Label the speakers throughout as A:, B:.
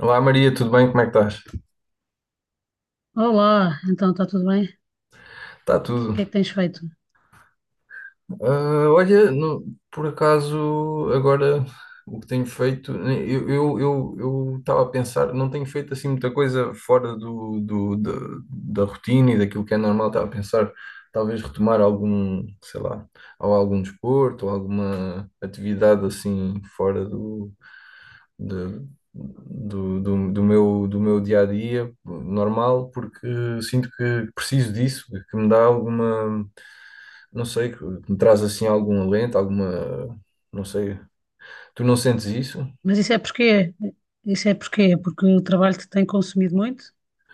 A: Olá Maria, tudo bem? Como é que estás?
B: Olá, então está tudo bem? O
A: Está tudo.
B: que é que tens feito?
A: Ah, olha, por acaso, agora o que tenho feito, eu estava a pensar, não tenho feito assim muita coisa fora da rotina e daquilo que é normal, estava a pensar talvez retomar algum, sei lá, ou algum desporto, ou alguma atividade assim fora do, de- do, do, do meu dia a dia normal, porque sinto que preciso disso, que me dá alguma. Não sei, que me traz assim algum alento, alguma. Não sei. Tu não sentes isso?
B: Mas isso é porquê? Isso é porquê? Porque o trabalho te tem consumido muito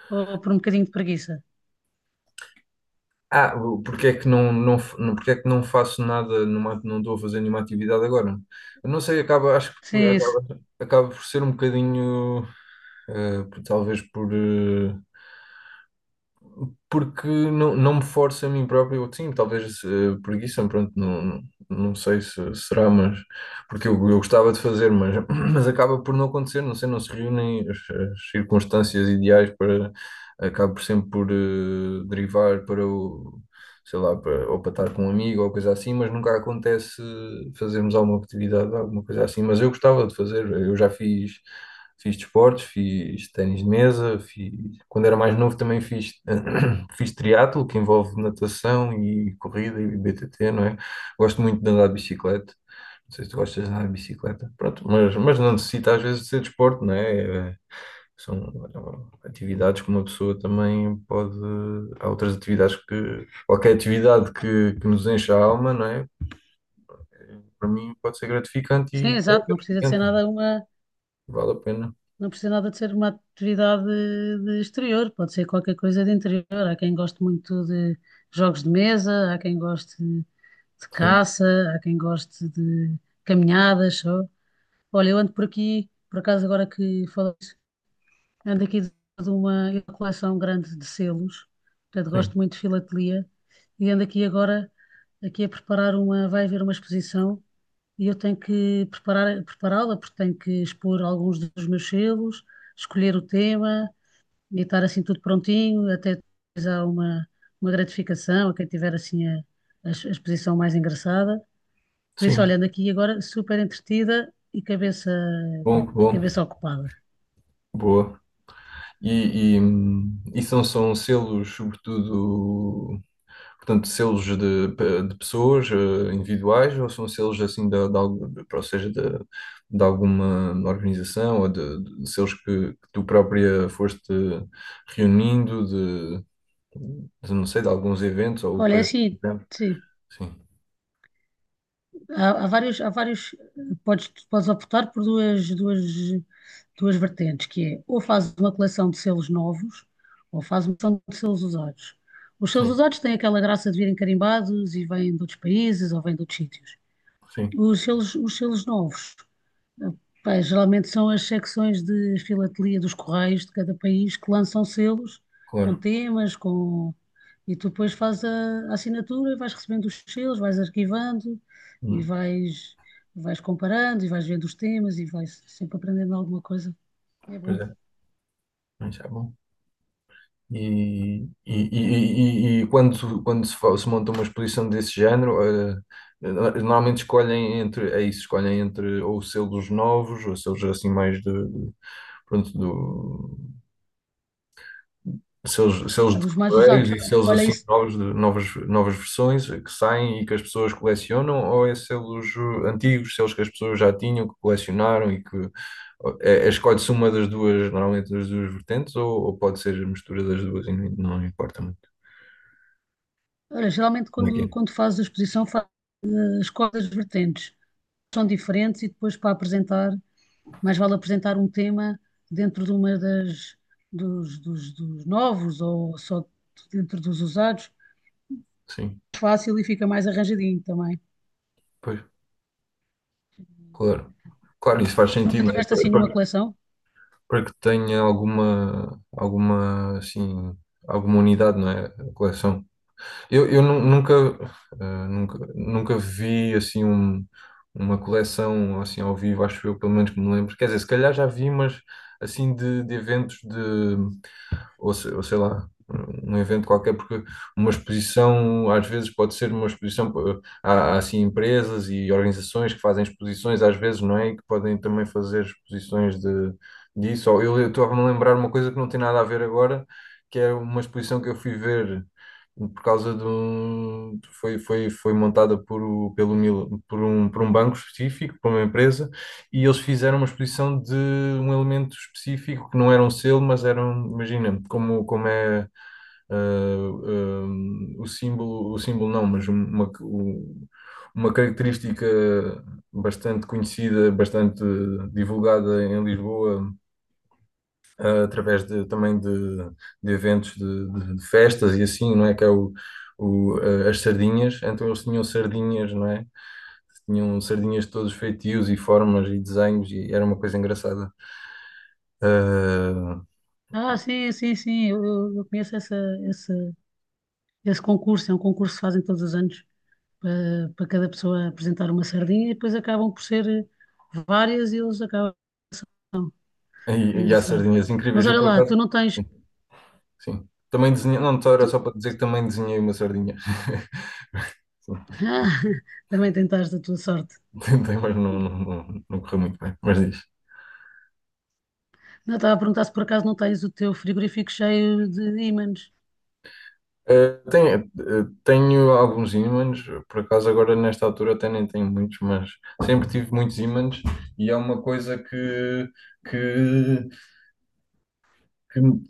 B: ou por um bocadinho de preguiça?
A: Ah, porque é que não faço nada, não estou a fazer nenhuma atividade agora? Eu não sei, acho que
B: Sim,
A: por-
B: isso.
A: acaba, acaba por ser um bocadinho, talvez porque não me forço a mim próprio, ou sim, talvez preguiça, pronto, não, não sei se será, mas porque eu gostava de fazer, mas, mas acaba por não acontecer, não sei, não se reúnem as circunstâncias ideais para, acabo por sempre derivar para o, sei lá, para, ou para estar com um amigo ou coisa assim, mas nunca acontece fazermos alguma atividade, alguma coisa assim, mas eu gostava de fazer, eu já fiz. Fiz desportos, fiz ténis de mesa, fiz, quando era mais novo também fiz fiz triatlo, que envolve natação e corrida e BTT, não é? Gosto muito de andar de bicicleta. Não sei se tu gostas de andar de bicicleta. Pronto, mas não necessita às vezes de ser desporto, não é? São atividades que uma pessoa também pode. Há outras atividades que. Qualquer atividade que nos enche a alma, não é? Para mim pode ser gratificante
B: Sim,
A: e é
B: exato, não precisa de ser
A: gratificante.
B: nada uma,
A: Vale a pena.
B: não precisa nada de ser uma atividade de exterior, pode ser qualquer coisa de interior. Há quem goste muito de jogos de mesa, há quem goste de
A: Sim,
B: caça, há quem goste de caminhadas só. Olha, eu ando por aqui, por acaso agora que falo. Ando aqui de uma coleção grande de selos, portanto
A: sim,
B: gosto muito de filatelia e ando aqui agora aqui a preparar uma, vai haver uma exposição e eu tenho que preparar, prepará-la porque tenho que expor alguns dos meus selos, escolher o tema e estar assim tudo prontinho, até depois há uma gratificação a quem tiver assim a, a exposição mais engraçada. Por isso,
A: sim.
B: olha, ando aqui agora super entretida e cabeça,
A: Bom, bom,
B: cabeça ocupada.
A: boa. E são selos, sobretudo, portanto, selos de pessoas individuais ou são selos assim, ou seja, de alguma organização ou de selos que tu própria foste reunindo não sei, de alguns eventos ou
B: Olha, é
A: coisa assim, do
B: assim,
A: género?
B: sim.
A: Sim,
B: Há vários, há vários, podes, podes optar por duas, duas, duas vertentes, que é ou fazes uma coleção de selos novos, ou fazes uma coleção de selos usados. Os selos
A: sim,
B: usados têm aquela graça de virem carimbados e vêm de outros países ou vêm de outros sítios.
A: sim,
B: Os selos novos, eh, pá, geralmente são as secções de filatelia dos correios de cada país que lançam selos com
A: claro.
B: temas, com... e tu depois fazes a assinatura e vais recebendo os selos, vais arquivando e
A: Hum,
B: vais, vais comparando e vais vendo os temas e vais sempre aprendendo alguma coisa. É
A: pois
B: bom,
A: é, mas é bom. E quando, quando se monta uma exposição desse género, normalmente escolhem entre, é isso, escolhem entre ou selos novos, ou selos assim mais de, pronto, do, selos
B: é
A: de
B: dos mais
A: correios
B: usados.
A: e selos
B: Olha,
A: assim
B: isso,
A: novos, de novas versões que saem e que as pessoas colecionam, ou é selos antigos, selos que as pessoas já tinham, que colecionaram e que escolhe-se uma das duas, normalmente das duas vertentes, ou pode ser a mistura das duas e não importa muito.
B: olha, geralmente
A: Como é que
B: quando,
A: é?
B: quando fazes a exposição fazes as coisas vertentes, são diferentes e depois para apresentar mais vale apresentar um tema dentro de uma das, dos, dos, dos novos ou só dentro dos usados.
A: Sim,
B: Fácil e fica mais arranjadinho também.
A: pois, claro. Claro, isso faz
B: Tu nunca
A: sentido, né?
B: tiveste assim
A: Para,
B: nenhuma
A: para-
B: coleção?
A: para que tenha assim, alguma unidade, não é? A coleção. Eu nu- nunca, eh, nunca, nunca vi, assim, uma coleção, assim, ao vivo, acho eu, pelo menos que me lembro. Quer dizer, se calhar já vi, mas, assim, de, eventos de, ou, se- ou sei lá, um evento qualquer, porque uma exposição às vezes pode ser uma exposição, há assim empresas e organizações que fazem exposições às vezes, não é? E que podem também fazer exposições disso. Ou eu estava-me a lembrar uma coisa que não tem nada a ver agora, que é uma exposição que eu fui ver por causa de um foi montada por o- pelo Mil- por um banco específico, por uma empresa e eles fizeram uma exposição de um elemento específico que não era um selo, mas era um, imagina, como é o símbolo não, mas uma característica bastante conhecida, bastante divulgada em Lisboa, através de, também de eventos de festas e assim, não é? Que é as sardinhas. Então eles tinham sardinhas, não é? Tinham sardinhas de todos os feitios e formas e desenhos e era uma coisa engraçada. Ah,
B: Ah, sim, sim, sim, eu, eu conheço essa, esse, esse concurso, é um concurso que fazem todos os anos para, para cada pessoa apresentar uma sardinha e depois acabam por ser várias e eles acabam. É
A: e há
B: engraçado.
A: sardinhas incríveis.
B: Mas
A: Eu,
B: olha
A: por
B: lá,
A: acaso,
B: tu não tens.
A: sim. Sim. Também desenhei, não, só era só
B: Tu-
A: para dizer que também desenhei uma sardinha. Sim,
B: Ah, também tentaste a tua sorte.
A: tentei, mas não, não, não, não correu muito bem. Mas diz.
B: Não, estava a perguntar se por acaso não tens o teu frigorífico cheio de ímãs.
A: Tenho alguns ímãs, por acaso agora nesta altura até nem tenho muitos, mas sempre tive muitos ímãs e é uma coisa que, que, me,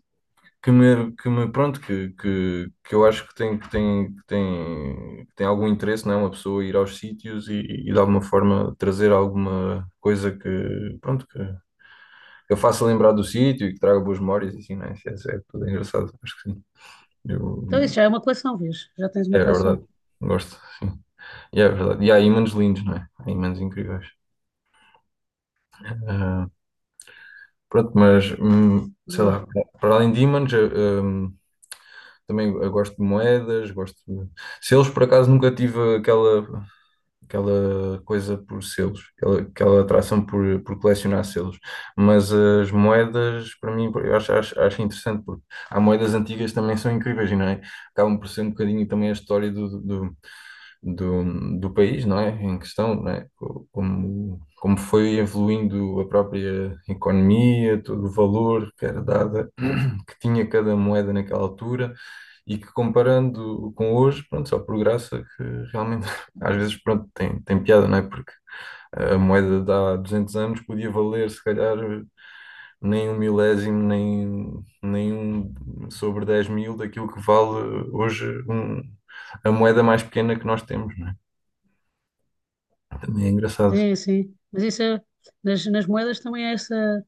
A: pronto, que eu acho que tem algum interesse, não é? Uma pessoa ir aos sítios e de alguma forma trazer alguma coisa pronto, que a faça lembrar do sítio e que traga boas memórias e assim, não é? Isso é tudo engraçado, acho que sim.
B: Então isso
A: Eu,
B: já é uma coleção, vês? Já tens
A: é,
B: uma
A: é verdade,
B: coleção.
A: gosto, sim. E é verdade. E há ímãs lindos, não é? Há ímãs incríveis. Ah, pronto, mas sei
B: Boa.
A: lá, para além de ímãs, hum, também eu gosto de moedas, gosto de selos, por acaso nunca tive aquela, coisa por selos, aquela atração por colecionar selos. Mas as moedas, para mim, eu acho interessante, porque há moedas antigas que também são incríveis, não é? Acabam por ser um bocadinho também a história do país, não é? Em questão, não é? Como foi evoluindo a própria economia, todo o valor que era dada, que tinha cada moeda naquela altura, e que comparando com hoje, pronto, só por graça que realmente às vezes, pronto, tem piada, não é? Porque a moeda de há 200 anos podia valer, se calhar, nem um milésimo, nem um sobre 10 mil daquilo que vale hoje a moeda mais pequena que nós temos. Também é engraçado.
B: Sim, sim. Mas isso é, nas, nas moedas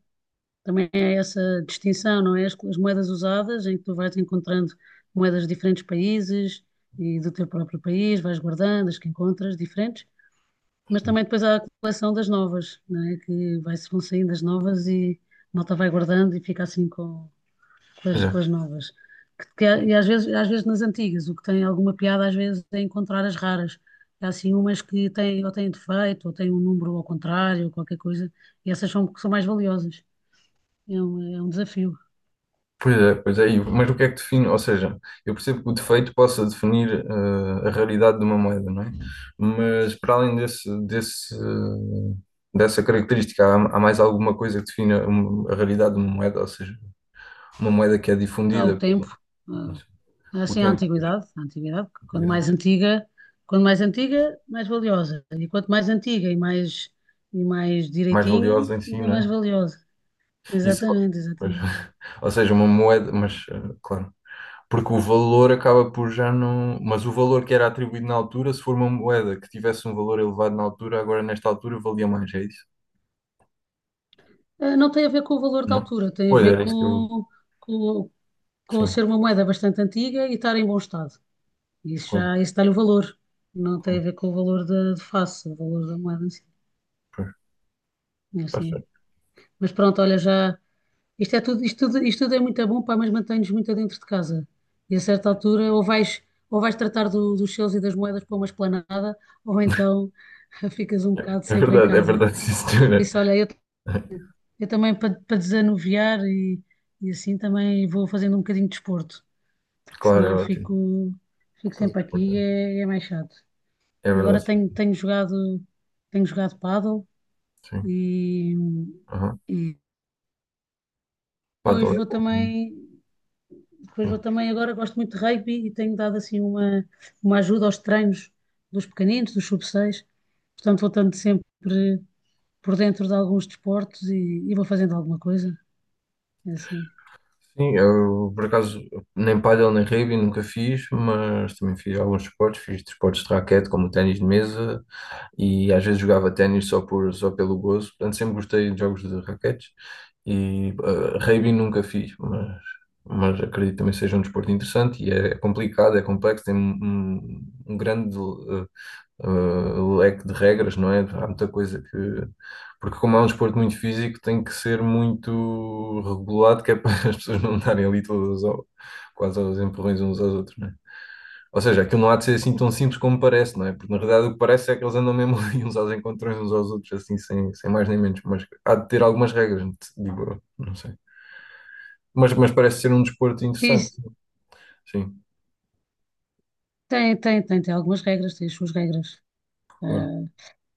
B: também é essa distinção, não é? As moedas usadas em que tu vais encontrando moedas de diferentes países e do teu próprio país, vais guardando as que encontras diferentes, mas também depois há a coleção das novas, não é? Que vai, vão saindo as novas e a malta vai guardando e fica assim
A: Pois é,
B: com as novas. E às vezes nas antigas, o que tem alguma piada, às vezes, é encontrar as raras. Há assim umas que têm, ou têm defeito, ou têm um número ao contrário, ou qualquer coisa, e essas são, são mais valiosas. É um desafio.
A: pois é, pois é. E mas o que é que define? Ou seja, eu percebo que o defeito possa definir a raridade de uma moeda, não é? Mas para além dessa característica, há mais alguma coisa que define a raridade de uma moeda? Ou seja, uma moeda que é
B: Há o
A: difundida
B: tempo,
A: pelo, não sei,
B: há,
A: o
B: assim,
A: tempo, pois,
B: a antiguidade,
A: eh,
B: quanto mais antiga, mais valiosa. E quanto mais antiga e mais
A: mais
B: direitinha,
A: valiosa em si,
B: ainda
A: não
B: mais
A: é?
B: valiosa.
A: Isso,
B: Exatamente,
A: pois.
B: exatamente.
A: Ou seja, uma moeda, mas claro. Porque o valor acaba por já não. Mas o valor que era atribuído na altura, se for uma moeda que tivesse um valor elevado na altura, agora nesta altura valia mais, é isso?
B: Não tem a ver com o valor da
A: Não?
B: altura, tem a
A: Pois
B: ver
A: era isso que eu.
B: com, com
A: Sim.
B: ser uma moeda bastante antiga e estar em bom estado. Isso
A: Com,
B: já, isso dá-lhe o valor. Não tem
A: com,
B: a ver com o valor da de face, o valor da moeda em si.
A: pois,
B: É
A: tá
B: assim.
A: certo.
B: Mas pronto, olha, já. Isto é tudo, isto tudo, isto tudo é muito bom, pá, mas mantém-nos muito dentro de casa. E a certa altura, ou vais tratar dos seus e das moedas para uma esplanada, ou então ficas um
A: É
B: bocado
A: é
B: sempre em
A: verdade, é
B: casa.
A: verdade, sim,
B: E por
A: senhora.
B: isso, olha, eu também para, para desanuviar e assim também vou fazendo um bocadinho de desporto. Que
A: Claro,
B: senão
A: é
B: eu
A: ótimo.
B: fico, fico
A: Pois,
B: sempre aqui e
A: portanto,
B: é, é mais chato.
A: é
B: Agora
A: verdade, sim.
B: tenho, tenho jogado pádel
A: Sim.
B: e,
A: Aham.
B: e depois
A: Paddle é
B: vou
A: bom.
B: também, depois vou
A: Sim.
B: também agora gosto muito de rugby e tenho dado assim uma ajuda aos treinos dos pequeninos, dos sub seis, portanto vou estando sempre por dentro de alguns desportos e vou fazendo alguma coisa, é assim.
A: Sim, eu por acaso nem paddle nem rugby nunca fiz, mas também fiz alguns esportes. Fiz desportos de raquete, como o ténis de mesa, e às vezes jogava ténis só pelo gozo. Portanto, sempre gostei de jogos de raquetes e rugby nunca fiz, mas acredito que também seja um desporto interessante e é complicado, é complexo, tem um grande leque de regras, não é? Há muita coisa que. Porque, como é um desporto muito físico, tem que ser muito regulado, que é para as pessoas não darem ali todas quase aos empurrões uns aos outros, ou seja, aquilo não há de ser assim tão simples como parece, não é? Porque na realidade o que parece é que eles andam mesmo ali uns aos encontrões uns aos outros, assim, sem mais nem menos. Mas há de ter algumas regras, digo eu, não sei. Mas parece ser um desporto
B: E
A: interessante. Sim,
B: tem, tem, tem, tem algumas regras, tem as suas regras.
A: claro,
B: Ah,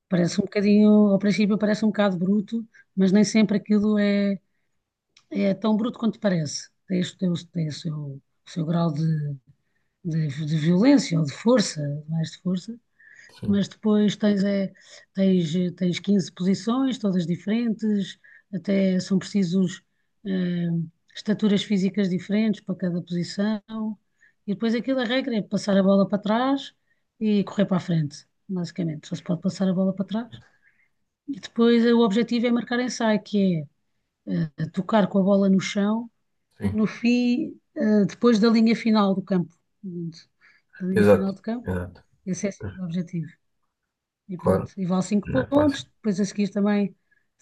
B: parece um bocadinho, ao princípio parece um bocado bruto, mas nem sempre aquilo é, é tão bruto quanto parece. Tem, tem, tem o seu grau de violência ou de força, mais de força,
A: sim,
B: mas depois tens, é, tens, tens 15 posições, todas diferentes, até são precisos eh, estaturas físicas diferentes para cada posição, e depois aquilo a regra é passar a bola para trás e correr para a frente, basicamente. Só se pode passar a bola para trás. E depois o objetivo é marcar ensaio, que é tocar com a bola no chão, no
A: sim.
B: fim, depois da linha final do campo. Portanto, da linha final
A: Exato,
B: do campo,
A: exato.
B: esse é assim o objetivo. E
A: Claro,
B: pronto, e vale 5
A: não é fácil.
B: pontos, depois a seguir também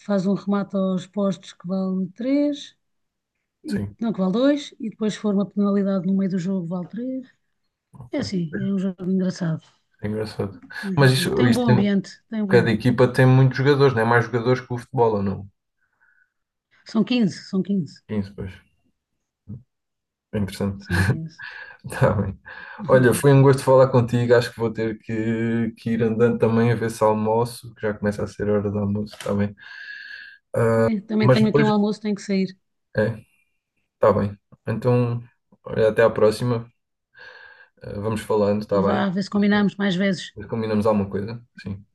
B: faz um remate aos postos que vale 3 e,
A: Sim,
B: não, que vale 2 e depois se for uma penalidade no meio do jogo vale 3. É
A: ok.
B: assim, é um jogo engraçado,
A: É engraçado.
B: é um
A: Mas
B: jogo giro.
A: isto,
B: Tem um
A: isto
B: bom ambiente, tem um bom...
A: cada equipa tem muitos jogadores, não é? Mais jogadores que o futebol, ou não?
B: São 15, são 15,
A: Sim, pois. É interessante.
B: são 15.
A: Tá bem. Olha, foi um gosto falar contigo. Acho que vou ter que ir andando também a ver se almoço, que já começa a ser hora do almoço, está bem.
B: É, também
A: Mas
B: tenho aqui
A: depois,
B: um almoço, tenho que sair.
A: é, tá bem. Então, olha, até à próxima. Vamos falando, tá
B: Então
A: bem?
B: vá, a ver se combinamos mais vezes.
A: Combinamos alguma coisa? Sim.